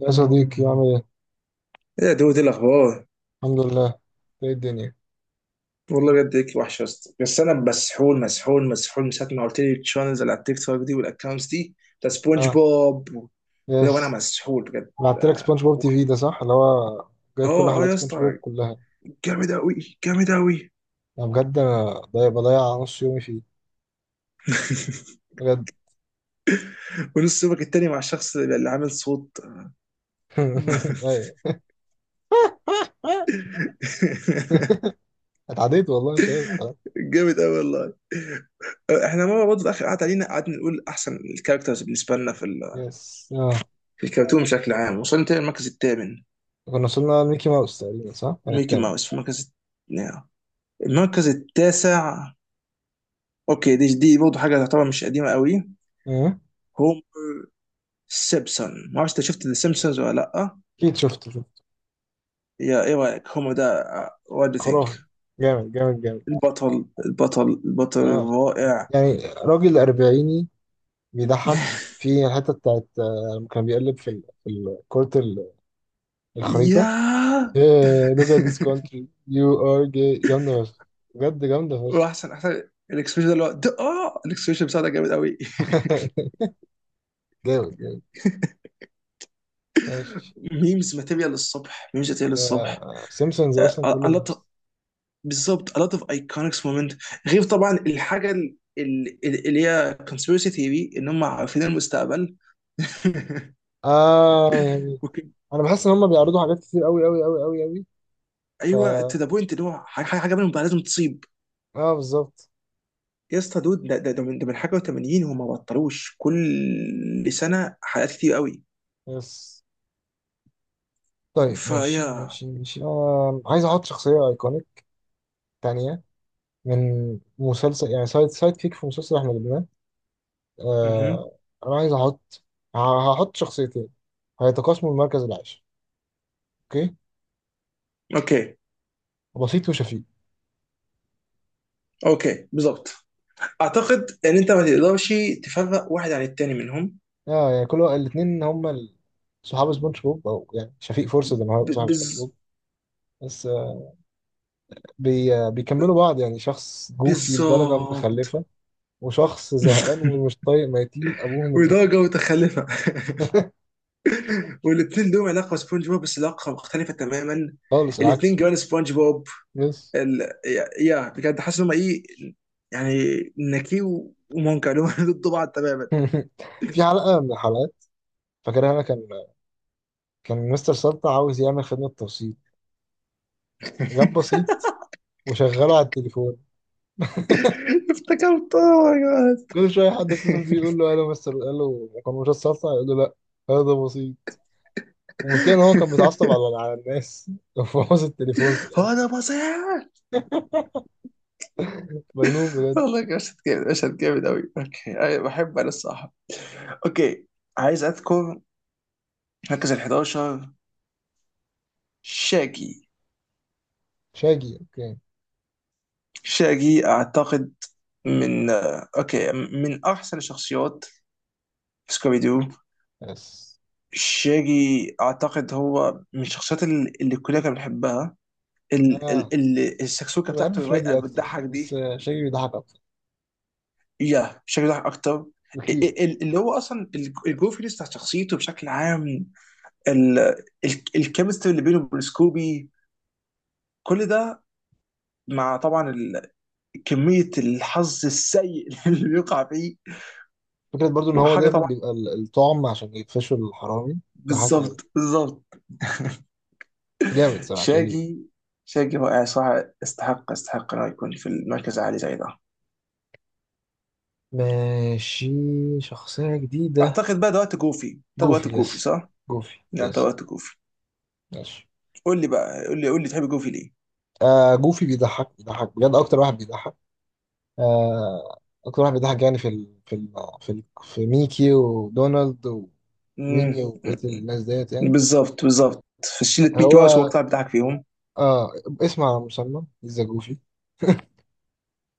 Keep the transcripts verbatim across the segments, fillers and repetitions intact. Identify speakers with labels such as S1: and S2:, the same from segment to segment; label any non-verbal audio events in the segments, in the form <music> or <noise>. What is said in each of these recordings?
S1: يا صديقي، عامل ايه؟
S2: ايه يا دود، إيه الاخبار؟
S1: الحمد لله. ايه الدنيا؟
S2: والله بجد هيك وحشه يا اسطى. بس انا مسحول مسحول مسحول من ساعه ما قلت لي الشانلز اللي على التيك توك دي والاكونتس دي بتاع سبونج
S1: اه.
S2: بوب و- وده، وانا
S1: يس.
S2: مسحول بجد.
S1: بعت لك
S2: اه.
S1: سبونج بوب تي في ده صح؟ اللي هو جايب كل
S2: اه آه
S1: حلقات
S2: يا
S1: سبونج بوب
S2: اسطى،
S1: كلها.
S2: جامد قوي، جامد قوي.
S1: انا بجد انا ضايع، بضيع نص يومي فيه
S2: <laughs>
S1: بجد.
S2: ونص يومك التاني مع الشخص اللي اللي عامل صوت.
S1: <laughs>
S2: <laughs>
S1: ايوه. <laughs> اتعديت والله، مش عايز أتعدى.
S2: جامد قوي والله. آه، احنا مره برضه اخر قعد علينا قعدنا نقول احسن الكاركترز بالنسبه لنا في ال-
S1: يس اه.
S2: في الكرتون بشكل عام، وصلنا تاني المركز الثامن.
S1: كنا وصلنا لميكي ماوس تقريبا صح؟ كان
S2: ميكي
S1: التامن.
S2: ماوس في المركز، نعم، المركز التاسع. اوكي، دي دي برضه حاجه تعتبر مش قديمه قوي.
S1: أمم.
S2: هوم سيبسون، ما اعرفش انت شفت ذا سيمبسونز ولا لا؟
S1: اكيد شفته شفته.
S2: يا، ايه رايك هوم ده؟ وات دو ثينك؟
S1: خرافي. جامد جامد جامد.
S2: البطل البطل البطل
S1: اه،
S2: الرائع.
S1: يعني راجل أربعيني بيضحك. في الحتة بتاعت آه، لما كان بيقلب في ال- في الكورت، الخريطة.
S2: يا.
S1: إيه، look at this
S2: <laughs>
S1: country you are gay، جامدة فشخ. بجد جامدة فشخ.
S2: واحسن احسن الاكسبريشن ده اللي هو ده- اه الاكسبريشن بتاعه ده جامد قوي.
S1: <laughs> جامد جامد. ماشي.
S2: <laughs> ميمز ماتيريال للصبح، ميمز ماتيريال للصبح.
S1: سيمسونز أصلا كله ميمز.
S2: بالظبط، a lot of iconic moment. غير طبعا الحاجه ال- ال- اللي هي conspiracy theory ان هم عارفين المستقبل. <laughs>
S1: آه يعني،
S2: اوكي.
S1: أنا بحس إن هما بيعرضوا حاجات كتير أوي أوي أوي أوي أوي، فا
S2: ايوه، to the point ان هو ح- ح- حاجه منهم بقى لازم تصيب.
S1: آه بالظبط.
S2: يا اسطى دود، ده ده ده من ده من حاجه وتمانين، هم ما بطلوش كل سنه حلقات كتير قوي.
S1: بس طيب، ماشي
S2: فيا.
S1: ماشي ماشي آه، عايز أحط شخصية أيكونيك تانية من مسلسل، يعني سايد سايد كيك في مسلسل إحنا جبناه.
S2: مهم.
S1: آه، أنا عايز أحط، ه- هحط شخصيتين هيتقاسموا المركز العاشر. اوكي:
S2: اوكي.
S1: بسيط وشفيق.
S2: اوكي بالظبط. اعتقد ان انت ما تقدرش تفرق واحد عن التاني منهم.
S1: اه يعني، كل الاثنين هما ال- صحاب سبونج بوب، او يعني شفيق فرصة ان هو
S2: ب-
S1: صاحب سبونج
S2: بز...
S1: بوب، بس آه، بي آه، بيكملوا بعض. يعني شخص جوفي لدرجة
S2: بالظبط.
S1: متخلفة، وشخص زهقان ومش
S2: <laughs>
S1: طايق ميتين ابوهم الاثنين.
S2: ودرجه متخلفه. والاثنين لهم علاقه بسبونج بوب، بس علاقه مختلفه تماما.
S1: خالص
S2: الاثنين
S1: العكس.
S2: جوان سبونج بوب.
S1: بس.
S2: ال... يا يا، بجد حاسس ان هم ايه، يعني نكي و- ومونكا اللي هم <laughs> ضد بعض تماما.
S1: <laughs> في حلقة من الحلقات، فاكرها انا، كان كان مستر سلطة عاوز يعمل خدمة توصيل، جاب بسيط وشغله على التليفون.
S2: <laughs> افتكرت اوه ماي جاد.
S1: كل شوية حد يتصل بيه يقول له الو مستر، الو، كان مش سلطة يقول له لا، هذا بسيط. والمشكلة إن هو كان بيتعصب
S2: <laughs>
S1: على على الناس <laughs> وبوظ التليفون في
S2: هو
S1: الآخر.
S2: ده بصيح.
S1: مجنون
S2: <laughs>
S1: بجد.
S2: والله مشهد جامد، مشهد جامد قوي. اوكي أي- بحب انا الصراحه. اوكي، عايز اذكر مركز ال حداشر، شاجي.
S1: شاجي، أوكي.
S2: شاجي اعتقد من آه، اوكي، من احسن الشخصيات في سكوبي دو.
S1: بس
S2: شيري اعتقد هو من الشخصيات ال- اللي الكليه كانت بتحبها، ال- ال-
S1: آه،
S2: ال- السكسوكه
S1: كنت بحب
S2: بتاعته الرايقه
S1: فريدي أكتر،
S2: بتضحك
S1: بس
S2: دي.
S1: آه، شاجي بيضحك أكتر
S2: يا شيري ضحك اكتر. ال-
S1: بكتير.
S2: ال- اللي هو اصلا ال- الجوفينس بتاع شخصيته بشكل عام، ال- ال- الكيمستري اللي بينه وبين سكوبي، كل ده، مع طبعا ال- كميه الحظ السيء <laughs> اللي بيقع فيه
S1: فكرة برضو إن هو
S2: وحاجه
S1: دايما
S2: طبعا.
S1: بيبقى ال- الطعم عشان يقفشوا الحرامي. ضحكني أوي.
S2: بالظبط بالظبط.
S1: جامد صراحة شاجي.
S2: شاجي، شاجي رائع صراحه، استحق استحق انه يكون في المركز العالي زي ده.
S1: ماشي. شخصية جديدة:
S2: اعتقد بقى ده وقت جوفي، ده
S1: جوفي.
S2: وقت جوفي
S1: يس.
S2: صح؟
S1: جوفي
S2: لا ده
S1: يس.
S2: وقت جوفي.
S1: ماشي.
S2: قول لي بقى، قول لي، قول لي تحب جوفي ليه؟
S1: آه، جوفي بيضحك، بيضحك بجد، أكتر واحد بيضحك. آه، أكتر واحد بيضحك يعني في ال... في ال... في, ال... في ميكي ودونالد وميمي
S2: امم.
S1: وبقية الناس ديت يعني.
S2: بالظبط بالظبط. في شلة ميكي ماوس هو
S1: هو
S2: القطع بتاعك فيهم.
S1: آه، اسم على مسمى ذا جوفي: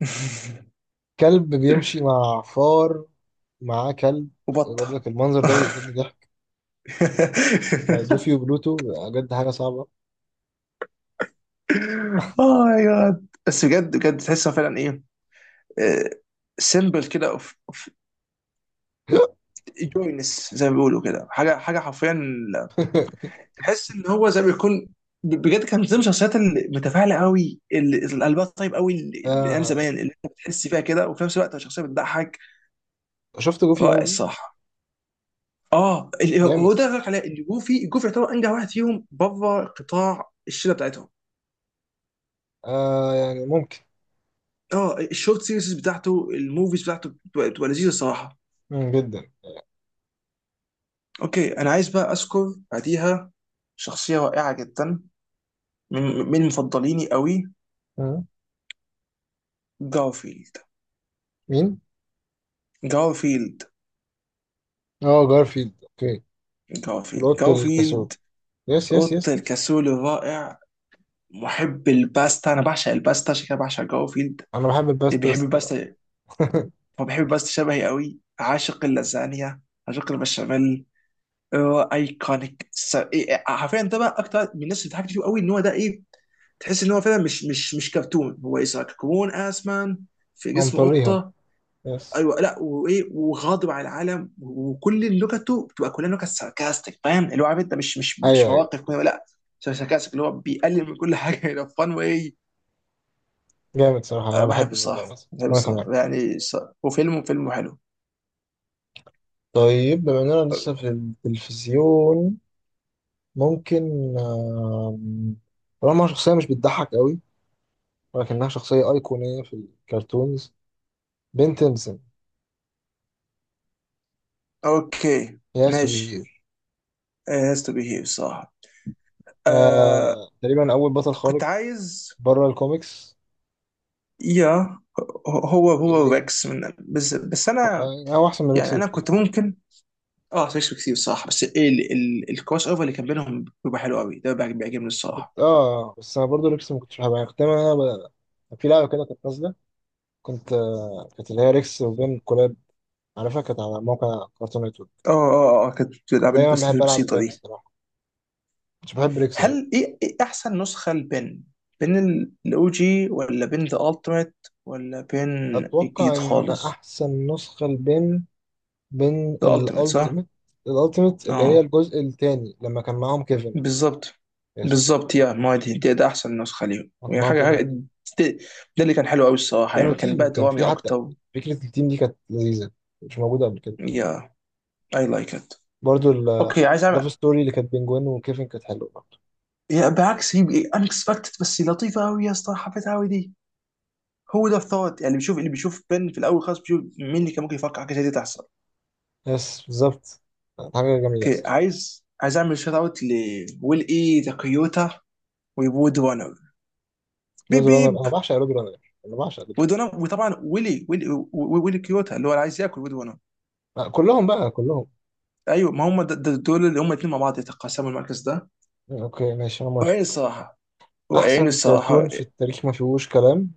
S2: <laughs>
S1: كلب بيمشي مع فار، معاه كلب.
S2: وبطة.
S1: برضك
S2: <laughs>
S1: المنظر ده بيقتلني ضحك، جوفي وبلوتو، بجد حاجة صعبة.
S2: اه يا جاد، بس بجد بجد تحسها فعلا ايه، سيمبل كده اوف.
S1: <laughs>
S2: جوينس زي ما بيقولوا كده، حاجه حاجه حرفيا، تحس ان هو زي ما يكون، ب- بجد كان زي من ضمن الشخصيات المتفاعله قوي اللي القلبها طيب قوي اللي من ايام
S1: آه.
S2: زمان اللي انت بتحس فيها كده، وفي نفس الوقت شخصيه بتضحك.
S1: شفت جوفي
S2: رائع
S1: موفي.
S2: الصراحه. اه اللي هو هو
S1: جامد.
S2: ده اللي بقولك عليه ان جوفي، جوفي يعتبر انجح واحد فيهم بره قطاع الشله بتاعتهم.
S1: آه يعني، ممكن.
S2: اه الشورت سيريز بتاعته، الموفيز بتاعته بتبقى بتبقى لذيذه الصراحه.
S1: مم جدا.
S2: اوكي، انا عايز بقى اذكر بعديها شخصيه رائعه جدا، من من مفضليني قوي،
S1: مم.
S2: جارفيلد.
S1: مين؟
S2: جارفيلد.
S1: اه، جارفيلد، اوكي.
S2: جارفيلد
S1: القط الكسول.
S2: جارفيلد
S1: يس يس يس.
S2: اوضه الكاسول الرائع، محب الباستا. انا بعشق الباستا عشان كده بعشق جوفيلد،
S1: انا بحب
S2: اللي بيحب
S1: الباسترس. <laughs>
S2: الباستا. هو بيحب الباستا شبهي قوي، عاشق اللازانيا، عاشق البشاميل. هو ايكونيك س- إيه- إيه، حرفيا ده بقى اكتر من الناس اللي ضحكت فيه قوي ان هو ده ايه، تحس ان هو فعلا مش مش مش كرتون، هو اذا كرتون اسمان في
S1: هو
S2: جسم
S1: مطريها.
S2: قطه.
S1: يس.
S2: ايوه لا، وايه وغاضب على العالم، وكل لغته بتبقى كلها لغه ساركاستيك، فاهم اللي هو عارف انت مش مش
S1: ايوه
S2: مش
S1: ايوه.
S2: مواقف كوميدية، لا، ساركاستيك اللي هو بيقلل من كل حاجه <laughs> الى فان وايه.
S1: جامد صراحة،
S2: أه،
S1: انا
S2: بحب
S1: بحبه برضه
S2: الصراحه،
S1: مثلا،
S2: بحب
S1: وانا كمان.
S2: الصراحه يعني ص- وفيلم، فيلم حلو.
S1: طيب، بما اننا لسه في التلفزيون، ممكن، آم، طالما شخصية مش بتضحك قوي، ولكنها شخصية أيقونية في الكرتونز: بن تيمسون.
S2: اوكي
S1: يا
S2: ماشي.
S1: سوبر.
S2: هاز تو بي هير الصراحه، آه.
S1: آه، تقريبا أول بطل
S2: كنت
S1: خارق
S2: عايز،
S1: بره الكوميكس،
S2: يا، هو هو
S1: الإيلينز.
S2: ريكس من، بس بس انا،
S1: آه، هو أحسن من ريكس
S2: يعني انا
S1: بكتير
S2: كنت
S1: صراحة.
S2: ممكن، اه سيكس كتير الصراحه. بس ايه ال- ال- الكروس اوفر اللي كان بينهم بيبقى حلو قوي، ده بيعجب- بيعجبني الصراحه.
S1: كنت آه، بس أنا برضه ريكس ما كنتش بحبها، يعني كنت دايماً أنا ب- في لعبة كده كانت نازلة، كنت آه، كانت اللي هي ريكس وبين كلاب، على فكرة كانت على موقع كارتون نتورك.
S2: اه اه اه كانت بتلعب
S1: دايما
S2: البس
S1: بحب ألعب
S2: البسيطه
S1: البين
S2: دي.
S1: الصراحة، مش بحب ريكس أوي.
S2: هل ايه، إيه احسن نسخه لبن؟ بين الاو جي، ولا بين ذا التيميت، ولا بين
S1: أتوقع
S2: الجديد
S1: إن
S2: خالص؟
S1: أحسن نسخة البين، بين
S2: الالتيميت صح.
S1: الألتيميت. الألتيميت اللي هي
S2: اه
S1: الجزء التاني لما كان معاهم كيفن.
S2: بالظبط
S1: يس.
S2: بالظبط. يا ما هي دي دي- ده احسن نسخه ليهم،
S1: لما كان
S2: يعني
S1: معاهم
S2: حاجه حاجه
S1: كيفن
S2: ده، ده اللي كان حلو قوي الصراحه،
S1: كانوا
S2: يعني كان
S1: تيم،
S2: بقى
S1: كان
S2: درامي
S1: في حتى
S2: اكتر.
S1: فكرة التيم دي، كانت لذيذة، مش موجودة قبل كده.
S2: يا، اي لايك ات.
S1: برضو
S2: اوكي عايز أعمل،
S1: اللاف ستوري اللي كانت بين جوين وكيفن كانت حلوة برضو.
S2: يا بالعكس، هي انكسبكتد بس لطيفه قوي يا اسطى، حبيتها قوي دي. هو ده الثوت، يعني بيشوف اللي بيشوف بن في الاول خالص، بيشوف مين اللي كان ممكن يفكر حاجه زي دي تحصل.
S1: يس بالظبط، كانت حاجة جميلة
S2: اوكي،
S1: الصراحة.
S2: عايز عايز اعمل شوت اوت لويل اي تاكيوتا وبود وانر، بيب
S1: رود رانر،
S2: بيب.
S1: أنا بعشق رود رانر، أنا بعشق رود
S2: وود
S1: رانر.
S2: وانر وطبعا ويلي ويلي و- ويلي كيوتا اللي هو اللي عايز ياكل وود وانر.
S1: آه، كلهم بقى كلهم.
S2: ايوه، ما هم د- د- دول اللي هم الاثنين مع بعض يتقاسموا المركز ده.
S1: اوكي ماشي، انا
S2: وعين
S1: موافق.
S2: الصراحه، وعين
S1: احسن كرتون
S2: الصراحه.
S1: في التاريخ ما فيهوش كلام،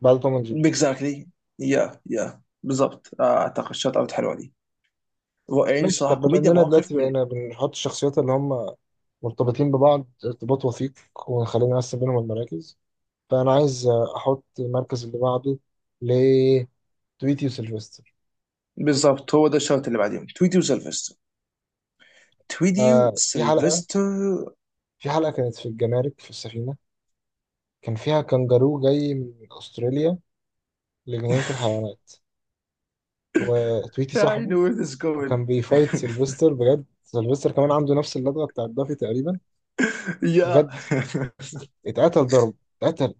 S1: بعد توم اند جيري.
S2: اكزاكتلي. يا يا بالظبط، آه، اعتقد شوت اوت حلوه دي. رائعين
S1: ماشي. طب
S2: الصراحه،
S1: بما
S2: كوميديا
S1: اننا دلوقتي
S2: مواقف من.
S1: بقينا بنحط الشخصيات اللي هم مرتبطين ببعض ارتباط وثيق، ونخلينا نقسم بينهم المراكز، فانا عايز احط المركز اللي بعده لتويتي وسيلفستر.
S2: بالظبط، هو ده الشوط اللي بعديهم تويدي وسلفستر، تويدي
S1: آه، في حلقة،
S2: وسلفستر.
S1: في حلقة كانت في الجمارك في السفينة، كان فيها كانجارو جاي من استراليا لجنينة الحيوانات، وتويتي
S2: I
S1: صاحبه،
S2: know where this is going.
S1: وكان
S2: <laughs>
S1: بيفايت سيلفستر. بجد، سيلفستر كمان عنده نفس اللدغة بتاعت دافي تقريبا.
S2: يا،
S1: بجد، اتقتل ضرب، اتقتل.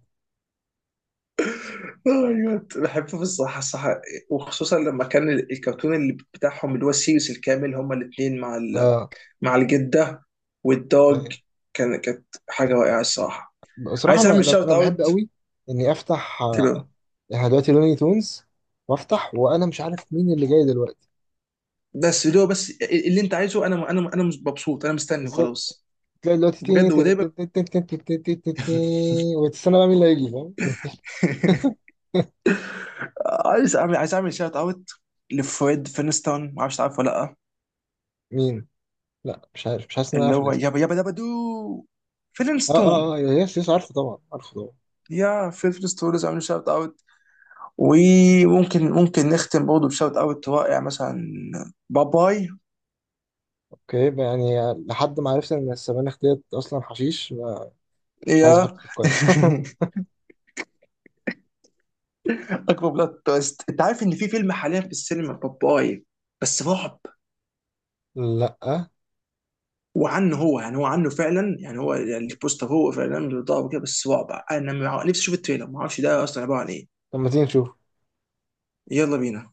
S2: ايوه بحبه الصراحه الصراحه. وخصوصا لما كان ال- الكرتون اللي بتاعهم، اللي هو السيريس الكامل، هما الاثنين مع ال...
S1: اه.
S2: مع الجده والدوج،
S1: أيوة.
S2: كان، كانت حاجه رائعه الصراحه.
S1: بصراحة،
S2: عايز
S1: أنا
S2: اعمل
S1: أنا
S2: شوت
S1: أنا بحب
S2: اوت.
S1: قوي إني أفتح آه،
S2: تمام.
S1: يعني دلوقتي لوني تونز، وأفتح وأنا مش عارف مين اللي جاي دلوقتي.
S2: بس اللي هو، بس اللي انت عايزه انا، انا انا مبسوط، انا مستني
S1: بالظبط،
S2: وخلاص.
S1: تلاقي دلوقتي
S2: بجد
S1: تي-
S2: ودايما.
S1: تي- تي- تي- تي- تي- تي- تي- تي- تي- تي- وتستنى بقى مين اللي هيجي، فاهم.
S2: <laughs> عايز اعمل عايز اعمل شوت اوت لفريد فينستون، ما اعرفش تعرفه ولا لا.
S1: مين؟ لا مش عارف، مش حاسس إن أنا
S2: اللي
S1: عارف
S2: هو
S1: الاسم.
S2: يابا يابا يابا دو،
S1: اه اه
S2: فينستون.
S1: اه، يس يس، عارفه طبعا، عارفه طبعا.
S2: يا فيل فينستون، لازم اعمل شوت اوت. وممكن ممكن نختم برضه بشوت اوت رائع مثلا، باباي.
S1: اوكي بقى، يعني لحد ما عرفت إن السبانخ ديت أصلا حشيش، مش عايز
S2: يا.
S1: أحطه في القائمة. <laughs>
S2: <laughs> اكبر بلوت تويست، انت عارف ان في فيلم حاليا في السينما، باباي، بس رعب.
S1: لا.
S2: وعنه هو يعني، هو عنه فعلا يعني، هو البوستر هو فعلا بيضرب كده بس رعب، انا مع- نفسي اشوف التريلر، ما اعرفش ده اصلا عباره عن ايه.
S1: طب ما تيجي نشوف.
S2: يلا بينا.